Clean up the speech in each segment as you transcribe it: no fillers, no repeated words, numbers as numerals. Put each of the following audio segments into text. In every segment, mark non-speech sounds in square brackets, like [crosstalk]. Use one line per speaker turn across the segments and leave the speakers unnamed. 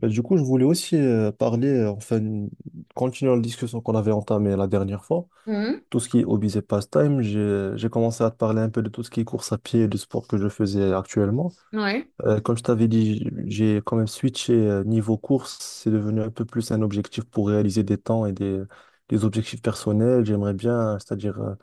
Bah, du coup, je voulais aussi parler, enfin, continuer la discussion qu'on avait entamée la dernière fois.
Mhm.
Tout ce qui est hobbies et pastime, j'ai commencé à te parler un peu de tout ce qui est course à pied et du sport que je faisais actuellement.
Ouais.
Comme je t'avais dit, j'ai quand même switché niveau course. C'est devenu un peu plus un objectif pour réaliser des temps et des objectifs personnels. J'aimerais bien, c'est-à-dire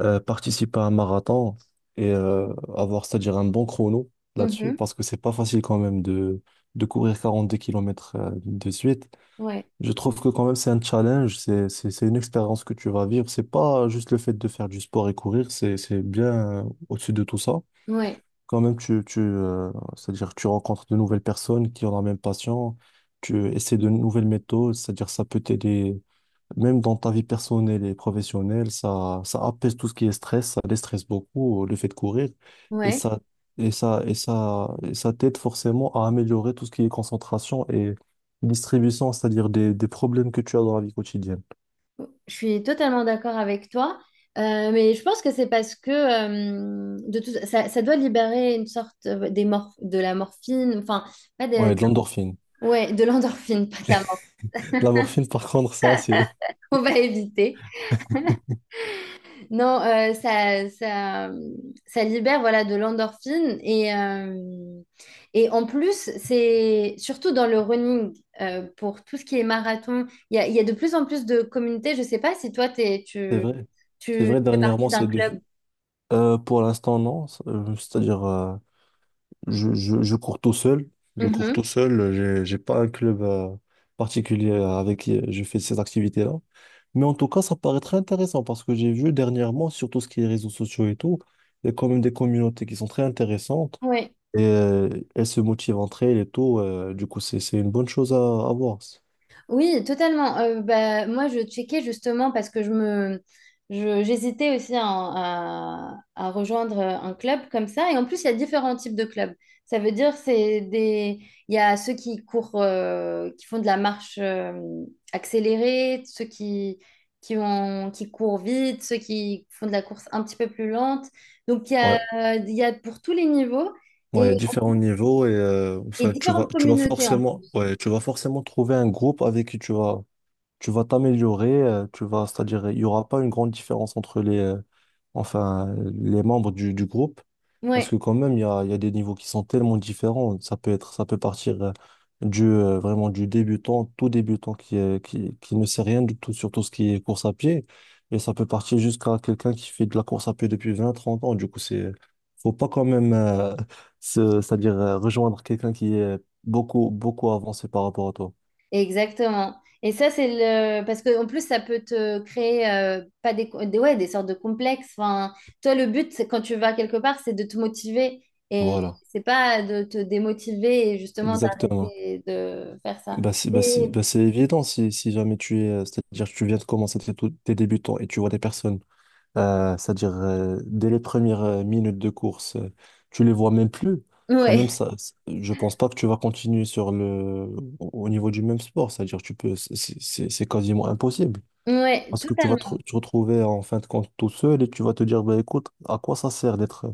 participer à un marathon et avoir, c'est-à-dire un bon chrono là-dessus,
Mhm.
parce que c'est pas facile quand même de courir 42 kilomètres de suite.
Ouais.
Je trouve que quand même c'est un challenge, c'est une expérience que tu vas vivre. C'est pas juste le fait de faire du sport et courir, c'est bien au-dessus de tout ça.
Ouais.
Quand même, c'est-à-dire tu rencontres de nouvelles personnes qui ont la même passion, tu essaies de nouvelles méthodes, c'est-à-dire ça peut t'aider même dans ta vie personnelle et professionnelle, ça apaise tout ce qui est stress, ça déstresse beaucoup le fait de courir et
Ouais.
ça t'aide forcément à améliorer tout ce qui est concentration et distribution, c'est-à-dire des problèmes que tu as dans la vie quotidienne.
Je suis totalement d'accord avec toi. Mais je pense que c'est parce que de tout, ça doit libérer une sorte de la morphine, enfin, pas de,
Ouais, de l'endorphine.
ouais, de l'endorphine, [laughs] pas de la morphine,
La morphine, par contre, ça, c'est,
[laughs] on va éviter. Non, ça libère voilà de l'endorphine et en plus, c'est surtout dans le running, pour tout ce qui est marathon, il y a de plus en plus de communautés. Je ne sais pas si toi, t'es,
c'est
tu,
vrai. C'est
tu
vrai,
fais partie
dernièrement,
d'un club.
pour l'instant, non. C'est-à-dire, je cours tout seul. Je cours tout seul. J'ai pas un club particulier avec qui je fais ces activités-là. Mais en tout cas, ça paraît très intéressant parce que j'ai vu dernièrement, sur tout ce qui est réseaux sociaux et tout, il y a quand même des communautés qui sont très intéressantes
Oui.
et elles se motivent entre elles et tout. Du coup, c'est une bonne chose à, voir.
Oui, totalement. Bah, moi, je checkais justement parce que j'hésitais aussi à rejoindre un club comme ça. Et en plus, il y a différents types de clubs. Ça veut dire c'est des, il y a ceux qui courent, qui font de la marche accélérée, ceux qui ont, qui courent vite, ceux qui font de la course un petit peu plus lente. Donc il y
Ouais.
a, il y a pour tous les niveaux
Ouais, il y a
et,
différents niveaux et
et
enfin, tu vas,
différentes
tu vas
communautés en
forcément,
plus.
ouais, tu vas forcément trouver un groupe avec qui tu vas t'améliorer, tu vas, c'est-à-dire, il n'y aura pas une grande différence entre les membres du groupe, parce
Ouais.
que quand même, il y a des niveaux qui sont tellement différents. Ça peut être, ça peut partir vraiment du débutant, tout débutant qui ne sait rien du tout sur tout ce qui est course à pied, et ça peut partir jusqu'à quelqu'un qui fait de la course à pied depuis 20 30 ans. Du coup, faut pas quand même, [laughs] c'est-à-dire, rejoindre quelqu'un qui est beaucoup, beaucoup avancé par rapport à toi.
Exactement. Et ça, c'est parce que en plus, ça peut te créer pas ouais, des sortes de complexes. Enfin, toi, le but, quand tu vas quelque part, c'est de te motiver. Et
Voilà,
c'est pas de te démotiver et justement
exactement.
d'arrêter de faire ça.
Bah c'est bah c'est
Et...
bah c'est évident, si jamais tu es, c'est-à-dire que tu viens de commencer tes débutants et tu vois des personnes, c'est-à-dire dès les premières minutes de course, tu les vois même plus. Quand même,
Ouais,
je pense pas que tu vas continuer sur le au niveau du même sport, c'est-à-dire tu peux, c'est quasiment impossible.
[laughs] ouais,
Parce que tu vas te,
totalement.
re- te retrouver en fin de compte tout seul et tu vas te dire, bah écoute, à quoi ça sert d'être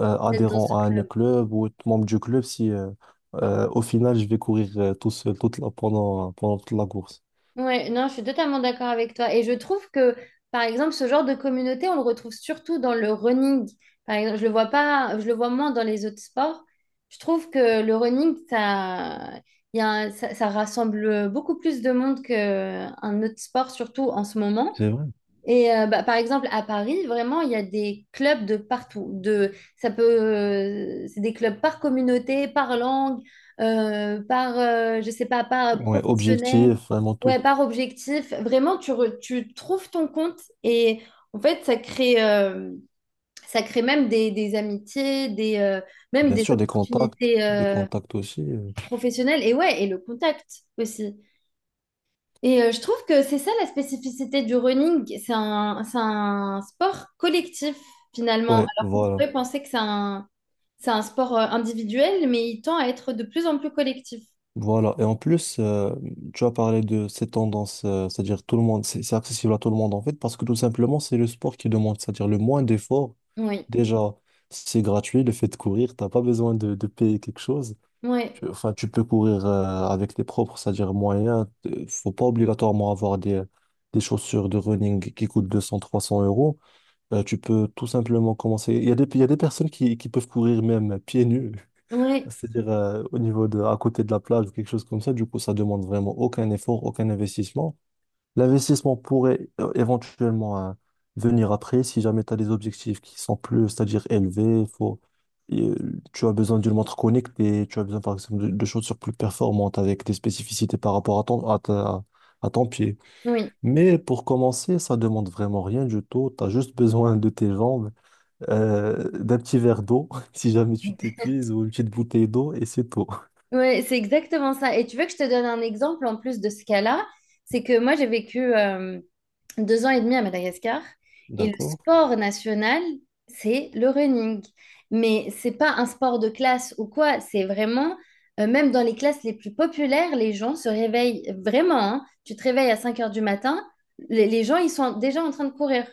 adhérent à un club ou être membre du club si au final je vais courir tout seul pendant toute la course.
Ouais, non, je suis totalement d'accord avec toi. Et je trouve que, par exemple, ce genre de communauté, on le retrouve surtout dans le running. Par exemple, je le vois pas, je le vois moins dans les autres sports. Je trouve que le running, ça, il y a un- ça rassemble beaucoup plus de monde qu'un autre sport, surtout en ce moment.
C'est vrai.
Et bah, par exemple, à Paris, vraiment, il y a des clubs de partout. C'est des clubs par communauté, par langue, je sais pas, par
Ouais,
professionnel,
objectif, vraiment
ouais,
tout.
par objectif. Vraiment, tu trouves ton compte et en fait, ça crée même des amitiés, même
Bien
des
sûr,
opportunités
des contacts aussi.
professionnelles et ouais, et le contact aussi. Et je trouve que c'est ça la spécificité du running, c'est un sport collectif finalement,
Ouais,
alors qu'on
voilà.
pourrait penser que c'est un sport individuel, mais il tend à être de plus en plus collectif.
Voilà. Et en plus, tu as parlé de ces tendances, c'est-à-dire tout le monde, c'est accessible à tout le monde en fait, parce que tout simplement, c'est le sport qui demande, c'est-à-dire le moins d'efforts.
Oui,
Déjà, c'est gratuit, le fait de courir, t'as pas besoin de payer quelque chose.
oui,
Tu, enfin, tu peux courir avec tes propres, c'est-à-dire moyens. Faut pas obligatoirement avoir des chaussures de running qui coûtent 200, trois 300 euros. Tu peux tout simplement commencer. Il y a des personnes qui peuvent courir même pieds nus,
oui,
[laughs] c'est-à-dire au niveau à côté de la plage ou quelque chose comme ça. Du coup, ça demande vraiment aucun effort, aucun investissement. L'investissement pourrait éventuellement venir après si jamais tu as des objectifs qui sont plus, c'est-à-dire élevés, faut, et, tu as besoin d'une montre connectée, tu as besoin par exemple de chaussures plus performantes avec des spécificités par rapport à ton pied.
oui.
Mais pour commencer, ça demande vraiment rien du tout, tu as juste besoin de tes jambes, d'un petit verre d'eau [laughs] si jamais tu t'épuises ou une petite bouteille d'eau et c'est tout.
Ouais, c'est exactement ça. Et tu veux que je te donne un exemple en plus de ce cas-là? C'est que moi, j'ai vécu 2 ans et demi à Madagascar et le
D'accord?
sport national, c'est le running. Mais c'est pas un sport de classe ou quoi, c'est vraiment, même dans les classes les plus populaires, les gens se réveillent vraiment, hein. Tu te réveilles à 5 heures du matin, les gens, ils sont déjà en train de courir.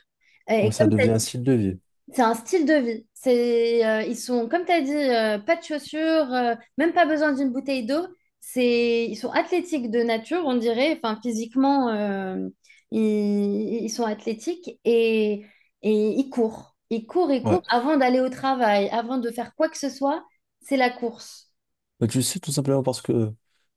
Et
Donc ça
comme
devient un style de vie.
c'est un style de vie. C'est, ils sont, comme tu as dit, pas de chaussures, même pas besoin d'une bouteille d'eau. C'est, ils sont athlétiques de nature, on dirait. Enfin, physiquement, ils, ils sont athlétiques et ils courent. Ils courent, ils courent
Ouais.
avant d'aller au travail, avant de faire quoi que ce soit. C'est la course.
Mais tu sais, tout simplement parce que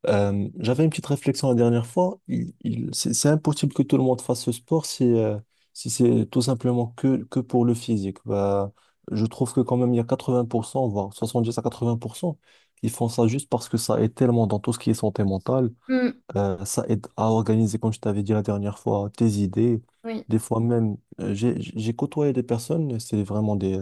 j'avais une petite réflexion la dernière fois. C'est impossible que tout le monde fasse ce sport si, si c'est tout simplement que pour le physique. Bah, je trouve que quand même, il y a 80%, voire 70 à 80%, qui font ça juste parce que ça aide tellement dans tout ce qui est santé mentale.
Mm,
Ça aide à organiser, comme je t'avais dit la dernière fois, tes idées.
oui.
Des fois même, j'ai côtoyé des personnes, c'est vraiment des,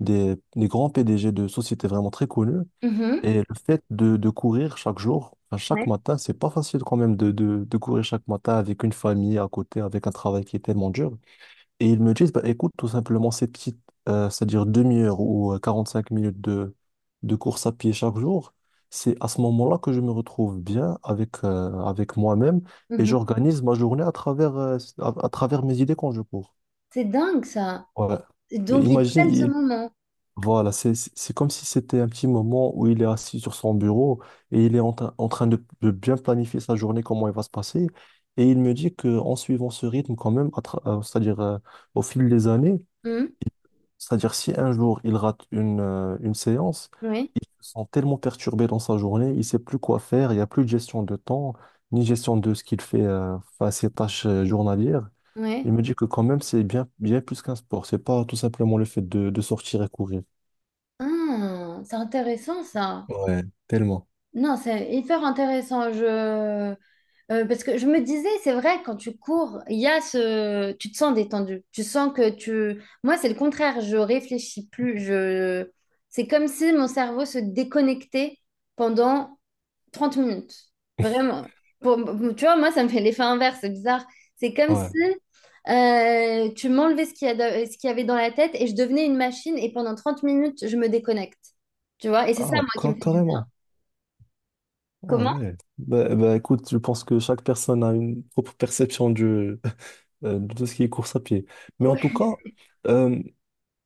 des, des grands PDG de sociétés vraiment très connues
Mhm.
et le fait de, courir chaque jour, enfin,
Ouais.
chaque matin, c'est pas facile quand même de, de courir chaque matin avec une famille à côté, avec un travail qui est tellement dur. Et ils me disent, bah, écoute, tout simplement, cette petite, c'est-à-dire demi-heure ou 5 minutes de, course à pied chaque jour, c'est à ce moment-là que je me retrouve bien avec, avec moi-même et
Mhm.
j'organise ma journée à travers, mes idées quand je cours.
C'est dingue, ça.
Ouais.
Et
Et
donc, ils prennent ce
imagine,
moment.
voilà, c'est comme si c'était un petit moment où il est assis sur son bureau et il est en train de bien planifier sa journée, comment elle va se passer. Et il me dit qu'en suivant ce rythme quand même, c'est-à-dire au fil des années,
Mm,
c'est-à-dire si un jour il rate une séance,
oui.
il se sent tellement perturbé dans sa journée, il ne sait plus quoi faire, il n'y a plus de gestion de temps, ni gestion de ce qu'il fait face à ses tâches journalières. Il
Oui.
me dit que quand même, c'est bien, bien plus qu'un sport. C'est pas tout simplement le fait de sortir et courir.
Ah, c'est intéressant, ça.
Ouais, tellement.
Non, c'est hyper intéressant. Parce que je me disais, c'est vrai, quand tu cours, il y a ce... tu te sens détendu. Tu sens que tu... Moi, c'est le contraire. Je réfléchis plus. C'est comme si mon cerveau se déconnectait pendant 30 minutes. Vraiment. Pour... Tu vois, moi, ça me fait l'effet inverse. C'est bizarre. C'est comme si
Ouais.
tu m'enlevais ce qu'il y avait dans la tête et je devenais une machine et pendant 30 minutes, je me déconnecte. Tu vois? Et c'est ça,
Ah,
moi, qui me fait du bien.
carrément. Ah
Comment?
ouais. Bah, écoute, je pense que chaque personne a une propre perception [laughs] de tout ce qui est course à pied. Mais en tout cas, euh,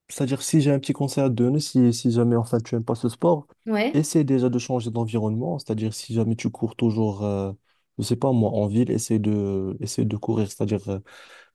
c'est-à-dire si j'ai un petit conseil à te donner, si jamais enfin tu n'aimes pas ce sport,
Ouais,
essaie déjà de changer d'environnement. C'est-à-dire si jamais tu cours toujours, je sais pas moi, en ville, essaie de courir. C'est-à-dire euh,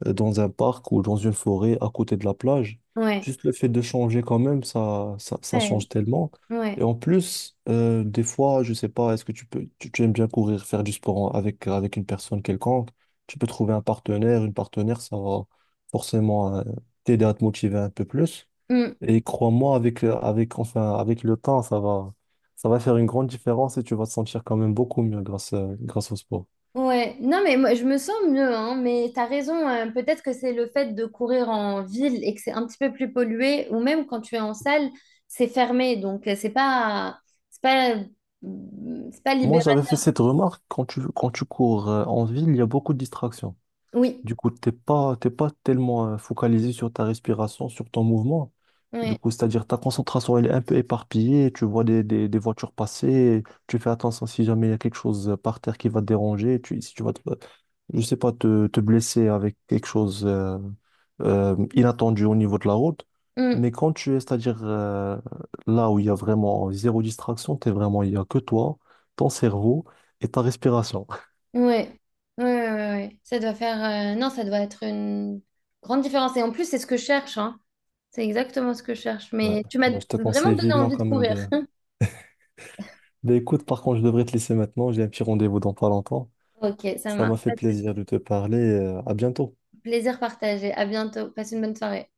euh, dans un parc ou dans une forêt à côté de la plage.
ouais,
Juste le fait de changer quand même, ça
ouais,
change tellement.
ouais.
Et en plus, des fois, je sais pas, est-ce que tu aimes bien courir, faire du sport avec, avec une personne quelconque? Tu peux trouver un partenaire, une partenaire, ça va forcément t'aider à te motiver un peu plus.
Mm.
Et crois-moi, enfin, avec le temps, ça va faire une grande différence et tu vas te sentir quand même beaucoup mieux grâce au sport.
Ouais. Non, mais moi, je me sens mieux, hein, mais t'as raison, hein. Peut-être que c'est le fait de courir en ville et que c'est un petit peu plus pollué, ou même quand tu es en salle, c'est fermé, donc c'est pas, c'est pas
Moi,
libéral.
j'avais fait cette remarque quand tu cours en ville, il y a beaucoup de distractions.
Oui,
Du coup, t'es pas tellement focalisé sur ta respiration, sur ton mouvement. Du
ouais,
coup, c'est-à-dire ta concentration, elle est un peu éparpillée, tu vois des voitures passer, tu fais attention si jamais il y a quelque chose par terre qui va te déranger, tu, si tu vas, te- je sais pas, te blesser avec quelque chose inattendu au niveau de la route.
mm.
Mais quand tu es, c'est-à-dire là où il y a vraiment zéro distraction, t'es vraiment, il y a que toi, ton cerveau et ta respiration.
Ouais. Ouais, ouais, ouais, ouais. Non, ça doit être une grande différence. Et en plus, c'est ce que je cherche, hein. C'est exactement ce que je cherche.
Ouais.
Mais tu m'as
Bah, je te
vraiment
conseille
donné
vivement
envie de
quand même
courir.
de Ben écoute, par contre, je devrais te laisser maintenant. J'ai un petit rendez-vous dans pas longtemps.
Ok, ça
Ça m'a
marche,
fait
pas de souci.
plaisir de te parler. À bientôt.
Plaisir partagé. À bientôt. Passe une bonne soirée.